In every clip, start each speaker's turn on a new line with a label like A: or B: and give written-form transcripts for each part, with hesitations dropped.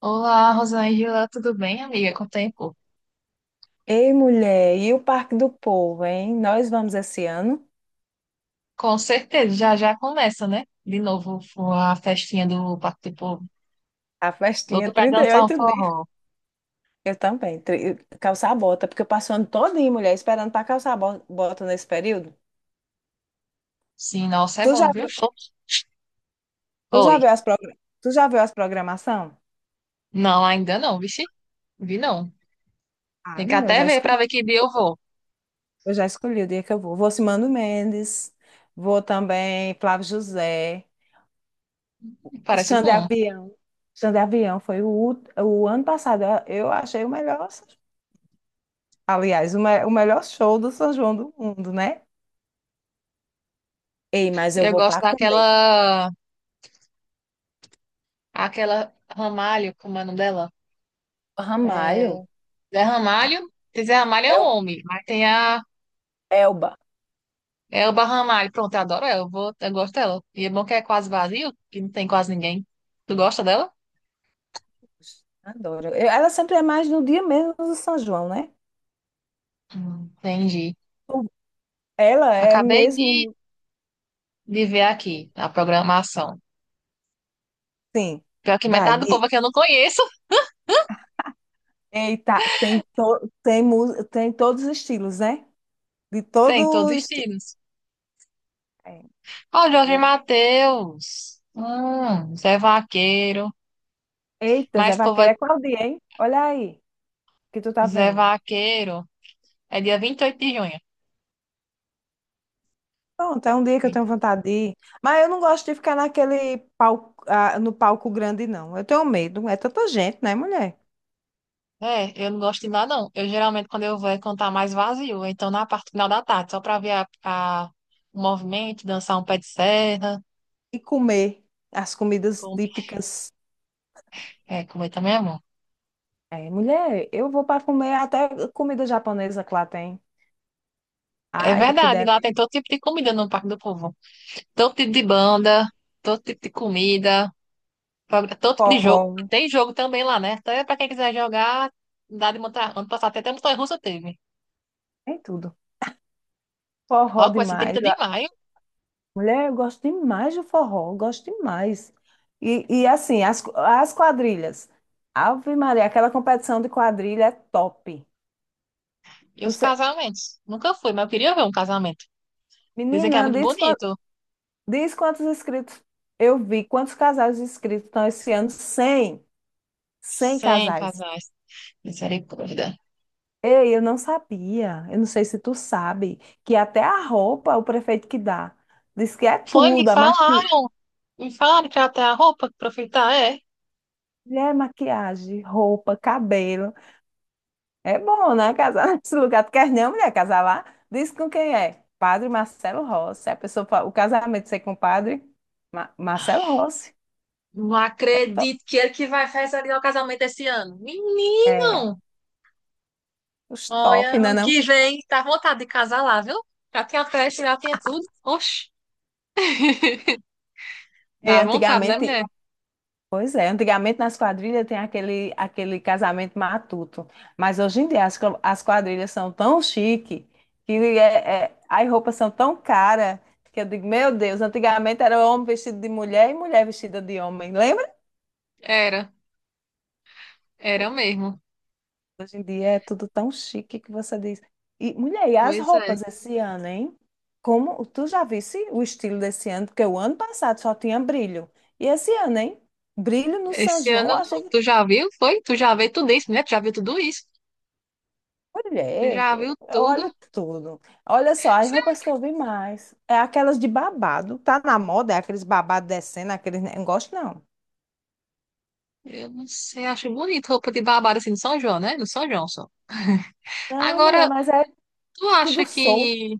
A: Olá, Rosângela, tudo bem, amiga? Com o tempo?
B: Ei, mulher, e o Parque do Povo, hein? Nós vamos esse ano.
A: Com certeza, já já começa, né? De novo a festinha do Parque do Povo.
B: A festinha,
A: Louco pra dançar um
B: 38 dias.
A: forró.
B: Eu também. Calçar a bota, porque eu passo o ano todinho, mulher, esperando para calçar a bota nesse período.
A: Sim, nossa, é
B: Tu já
A: bom, viu?
B: viu, tu já viu
A: Oi.
B: tu já viu as programação?
A: Não, ainda não, vixe. Vi não. Tem
B: Ai,
A: que
B: mulher,
A: até ver pra ver que dia eu vou.
B: eu já escolhi o dia que eu vou. Vou Simando Mendes, vou também Flávio José, o
A: Parece
B: Xande de
A: bom.
B: Avião. Xande de Avião foi o ano passado, eu achei o melhor. Aliás, o melhor show do São João do mundo, né? Ei, mas eu
A: Eu
B: vou
A: gosto
B: para comer.
A: daquela. Aquela Ramalho, como é o nome dela? É.
B: Ramalho,
A: Zé
B: a
A: Ramalho. Tem Zé Ramalho é um
B: El-
A: homem, mas tem a
B: Elba.
A: É o Ramalho, pronto, eu adoro ela, eu gosto dela. E é bom que é quase vazio, que não tem quase ninguém. Tu gosta dela?
B: Adoro. Ela sempre é mais no dia mesmo do São João, né?
A: Entendi.
B: O- Ela é
A: Acabei de,
B: mesmo.
A: de ver aqui a programação.
B: Sim.
A: Pior que
B: Vai.
A: metade do povo aqui eu não conheço.
B: Eita, tem, tem todos os estilos, né? De
A: Tem todos
B: todo
A: os
B: estilo.
A: estilos. Ó, Jorge Mateus. Zé Vaqueiro.
B: Eita, Zé
A: Mas povo é
B: Vaqueiro, é qual dia, hein? Olha aí, que tu tá
A: Zé
B: vendo.
A: Vaqueiro. É dia 28 de
B: Pronto, é um dia que eu tenho
A: junho.
B: vontade de ir. Mas eu não gosto de ficar naquele palco, ah, no palco grande, não. Eu tenho medo. É tanta gente, né, mulher?
A: É, eu não gosto de ir lá, não. Eu geralmente, quando eu vou, é cantar mais vazio. Então, na parte final da tarde, só pra ver a- o movimento, dançar um pé de serra.
B: E comer as comidas
A: Comer.
B: típicas.
A: É, comer também é bom.
B: É, mulher, eu vou para comer até comida japonesa que lá tem.
A: É
B: Ai, que
A: verdade, lá
B: deve.
A: tem todo tipo de comida no Parque do Povo. Todo tipo de banda, todo tipo de comida, todo tipo de
B: Forró,
A: jogo. Tem jogo também lá, né? Até pra quem quiser jogar, dá de montar. Ano passado até montanha-russa teve.
B: tem tudo.
A: Ó,
B: Forró
A: começa
B: demais.
A: 30 de
B: Ah,
A: maio.
B: mulher, eu gosto demais do forró, eu gosto demais. E assim, as quadrilhas. Ave Maria, aquela competição de quadrilha é top.
A: E
B: Não
A: os
B: sei.
A: casamentos? Nunca fui, mas eu queria ver um casamento. Dizem que é
B: Menina,
A: muito bonito.
B: diz quantos inscritos eu vi, quantos casais inscritos estão esse ano? 100. 100
A: Sem
B: casais.
A: casais. Misericórdia.
B: Ei, eu não sabia. Eu não sei se tu sabe que até a roupa o prefeito que dá. Diz que é
A: Foi, me
B: tudo,
A: falaram. Me falaram que até a roupa que pra é.
B: é maquiagem, roupa, cabelo. É bom, né? Casar nesse lugar. Tu quer não, mulher, casar lá? Diz com quem é? Padre Marcelo Rossi. A pessoa, o casamento ser com o padre Marcelo Rossi.
A: Não
B: É, to...
A: acredito que ele que vai realizar o casamento esse ano.
B: é
A: Menino!
B: os
A: Olha,
B: top, né,
A: ano
B: não?
A: que vem, dá vontade de casar lá, viu? Já tinha festa, já tinha tudo. Oxe,
B: É,
A: dá vontade, né,
B: antigamente
A: mulher?
B: Pois é, antigamente nas quadrilhas tem aquele casamento matuto, mas hoje em dia as quadrilhas são tão chique que as roupas são tão caras que eu digo, meu Deus, antigamente era homem vestido de mulher e mulher vestida de homem, lembra?
A: Era, era mesmo.
B: Hoje em dia é tudo tão chique que você diz. E mulher, e as
A: Pois é.
B: roupas esse ano, hein? Como tu já visse o estilo desse ano, porque o ano passado só tinha brilho. E esse ano, hein? Brilho no São
A: Esse
B: João,
A: ano
B: eu
A: não.
B: achei.
A: Tu já viu? Foi? Tu já viu tudo isso, né? Tu já viu tudo isso? Tu
B: Mulher,
A: já viu tudo?
B: olha tudo. Olha só, as
A: Sei
B: roupas
A: lá,
B: que eu vi mais é aquelas de babado. Tá na moda, é aqueles babados descendo, aqueles negócio, não.
A: eu não sei, acho bonito roupa de babado assim no São João, né? No São João só.
B: Não, mulher,
A: Agora,
B: mas é
A: Tu
B: tudo
A: acha
B: solto.
A: que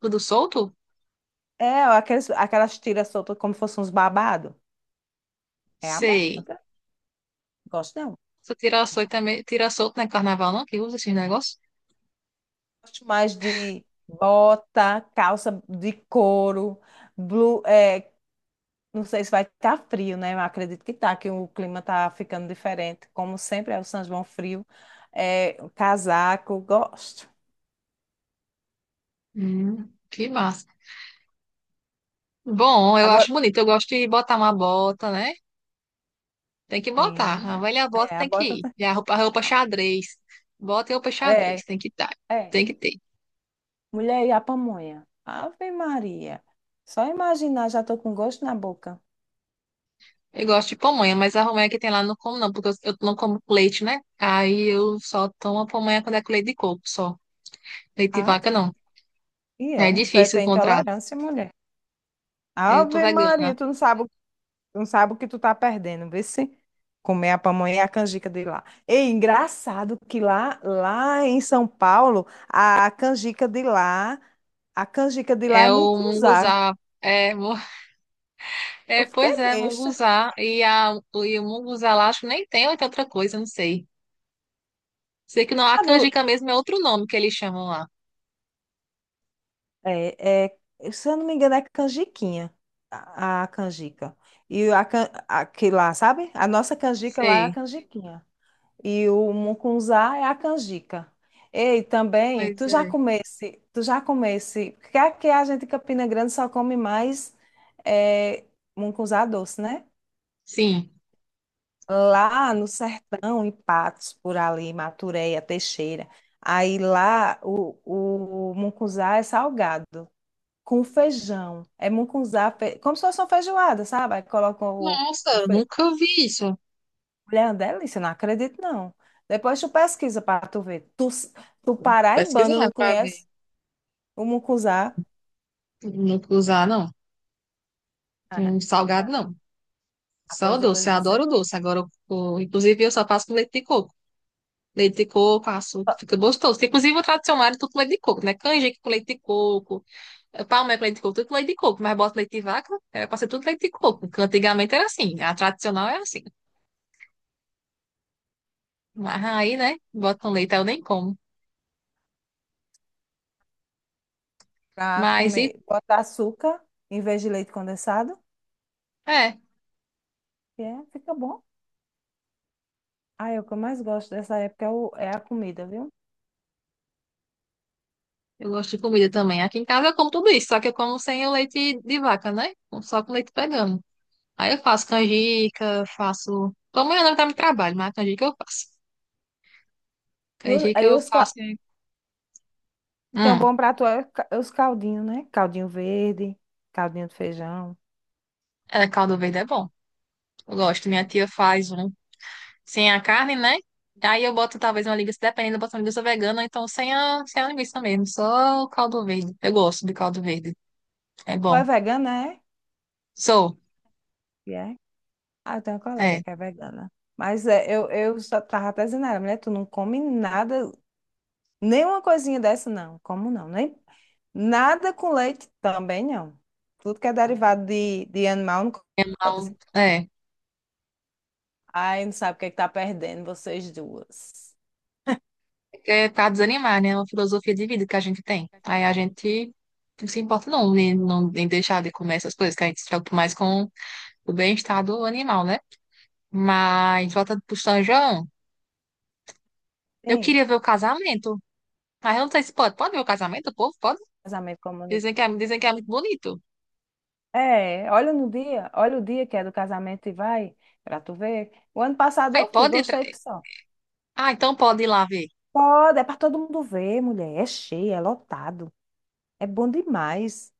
A: tudo solto?
B: É, aquelas tiras soltas como fossem uns babados. É a
A: Sei.
B: moda. Gosto não.
A: Só tira solto também, tira solto não é carnaval, não? Que usa esses negócios?
B: Gosto mais de bota, calça de couro, blu- é, não sei se vai estar frio, né? Eu acredito que tá, que o clima está ficando diferente. Como sempre, é o São João frio. É, o casaco, gosto.
A: Que massa. Bom, eu acho
B: Agora,
A: bonito. Eu gosto de botar uma bota, né? Tem que botar.
B: sim,
A: A velha bota
B: é, a
A: tem que
B: bota.
A: ir. E a roupa xadrez. Bota e roupa
B: É,
A: xadrez. Tem que estar.
B: é.
A: Tem que ter.
B: Mulher e a pamonha. Ave Maria. Só imaginar, já estou com gosto na boca.
A: Eu gosto de pamonha, mas a pamonha que tem lá eu não como, não, porque eu não como com leite, né? Aí eu só tomo a pamonha quando é com leite de coco, só. Leite de
B: Ah,
A: vaca, não.
B: e
A: É
B: é.
A: difícil
B: Tem
A: encontrar.
B: intolerância, mulher.
A: Eu tô
B: Ave Maria,
A: vegana.
B: tu não sabe. Não sabe o que tu tá perdendo, vê se comer a pamonha e a canjica de lá. E engraçado que lá em São Paulo, a canjica de lá é
A: É o
B: mungunzá.
A: munguzá. É, é,
B: Eu fiquei
A: pois é,
B: besta.
A: munguzá. E o munguzá lá, acho que nem tem ou tem outra coisa, não sei. Sei que não, a
B: Sabe, o-
A: canjica mesmo é outro nome que eles chamam lá.
B: é, é, se eu não me engano, é canjiquinha, a canjica. E a que lá, sabe? A nossa canjica lá é a
A: Sei.
B: canjiquinha. E o mucunzá é a canjica. Ei, também,
A: Pois é.
B: tu já comesse, porque aqui a gente em Campina Grande só come mais é, mucunzá doce, né?
A: Sim.
B: Lá no sertão, em Patos, por ali, Matureia, Teixeira. Aí lá o, o mucunzá é salgado, com feijão. É como se fosse uma feijoada, sabe? Aí colocam o
A: Nossa, nunca vi isso.
B: mulher, é uma delícia, eu não acredito, não. Depois tu pesquisa para tu ver. Tu paraibano não
A: Pesquisar pra ver.
B: conhece o mucuzá?
A: Nunca usar, não.
B: Ah,
A: Um salgado, não. Só o
B: após depois
A: doce. Eu
B: você
A: adoro o
B: vai
A: doce. Agora, inclusive, eu só faço com leite de coco. Leite de coco, açúcar, fica gostoso. Inclusive, o tradicional é tudo com leite de coco, né? Canjica com leite de coco. Palma é com leite de coco, tudo com leite de coco, mas bota leite de vaca, é pra ser tudo leite de coco. Porque antigamente era assim, a tradicional é assim. Mas aí, né, botam leite, aí eu nem como.
B: pra
A: Mas e
B: comer, bota açúcar em vez de leite condensado,
A: é,
B: e é, fica bom. Aí o que eu mais gosto dessa época é, é a comida, viu?
A: eu gosto de comida também. Aqui em casa eu como tudo isso, só que eu como sem o leite de vaca, né? Só com leite pegando. Aí eu faço canjica, faço. Como eu não tá no trabalho, mas canjica eu faço.
B: E o-
A: Canjica
B: aí
A: eu
B: os, ca-
A: faço.
B: tem um
A: Hum,
B: bom prato, é é os caldinhos, né? Caldinho verde, caldinho de feijão.
A: É, caldo verde é bom. Eu gosto. Minha tia faz um. Sem a carne, né? Aí eu boto talvez uma linguiça, dependendo, eu boto uma linguiça vegana, ou então sem a linguiça mesmo, só o caldo verde. Eu gosto de caldo verde, é
B: Tu é
A: bom.
B: vegana, é?
A: Sou,
B: E é. Ah, eu tenho uma colega
A: é,
B: que é vegana. Mas é, eu só tava até dizendo, a ela, mulher, tu não come nada. Nenhuma coisinha dessa, não. Como não? Nem... Nada com leite também, não. Tudo que é derivado de animal, não pode ser.
A: mal, é.
B: Ai, não sabe o que é que tá perdendo, vocês duas.
A: É pra desanimar, né? É uma filosofia de vida que a gente tem. Aí a gente não se importa não, em, não, em deixar de comer essas coisas, que a gente se preocupa mais com o bem-estar do animal, né? Mas, volta pro São João, eu
B: Sim,
A: queria ver o casamento. Mas eu não sei se pode. Pode ver o casamento, o povo? Pode?
B: casamento comunitário.
A: Dizem que é muito bonito.
B: É, olha no dia, olha o dia que é do casamento e vai, pra tu ver. O ano passado
A: Aí
B: eu fui,
A: pode?
B: gostei que só.
A: Ah, então pode ir lá ver.
B: Pode, é pra todo mundo ver, mulher. É cheio, é lotado. É bom demais.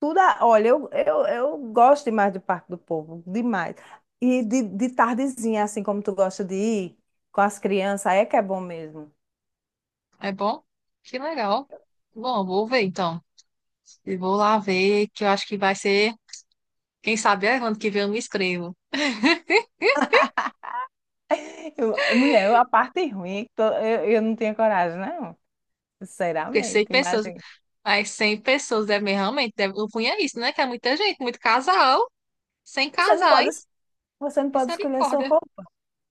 B: Olha, eu gosto demais do Parque do Povo, demais. E de tardezinha, assim como tu gosta de ir com as crianças, aí é que é bom mesmo.
A: É bom? Que legal. Bom, vou ver então. E vou lá ver, que eu acho que vai ser. Quem sabe é ano que vem eu me inscrevo.
B: Mulher, a parte ruim é que eu não tinha coragem, não.
A: Porque
B: Sinceramente,
A: 100 pessoas,
B: imagina.
A: mas 100 pessoas devem realmente. Deve, eu punha isso, né? Que é muita gente, muito casal, sem
B: Você não pode, es-
A: casais.
B: você não pode escolher sua
A: Misericórdia.
B: roupa.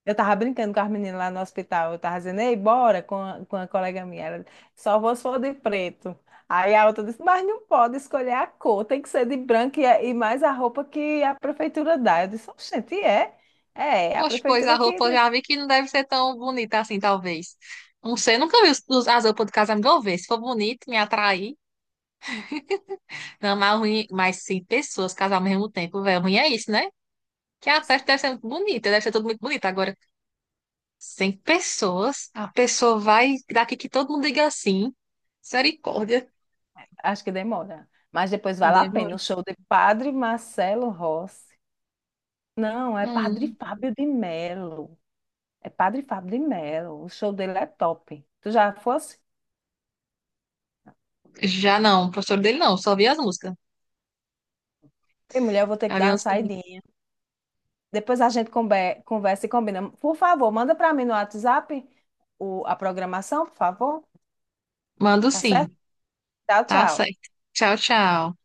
B: Eu tava brincando com as meninas lá no hospital. Eu tava dizendo, ei, bora com com a colega minha. Ela, só vou se for de preto. Aí a outra disse, mas não pode escolher a cor, tem que ser de branco e mais a roupa que a prefeitura dá. Eu disse, oxente, é? É, é a
A: Poxa, pois a
B: prefeitura que
A: roupa eu
B: diz.
A: já vi que não deve ser tão bonita assim, talvez. Não sei, eu nunca vi as roupas do casamento. Vou ver. Se for bonito, me atrair. Não, mas ruim, mas 100 pessoas casar ao mesmo tempo, velho. Ruim é isso, né? Que a festa deve ser muito bonita, deve ser tudo muito bonito. Agora, 100 pessoas, a pessoa vai daqui que todo mundo diga assim. Misericórdia.
B: Acho que demora. Mas depois vale a pena.
A: Demora.
B: O show de Padre Marcelo Rossi. Não, é Padre
A: Hum,
B: Fábio de Melo. É Padre Fábio de Melo. O show dele é top. Tu já fosse?
A: Já não, o professor dele não, só vi as músicas.
B: Ei, mulher, eu vou ter que
A: Já vi
B: dar
A: as
B: uma
A: músicas dele.
B: saída. Depois a gente conversa e combina. Por favor, manda para mim no WhatsApp a programação, por favor.
A: Mando
B: Tá certo?
A: sim,
B: Tchau,
A: tá
B: tchau.
A: certo. Tchau, tchau.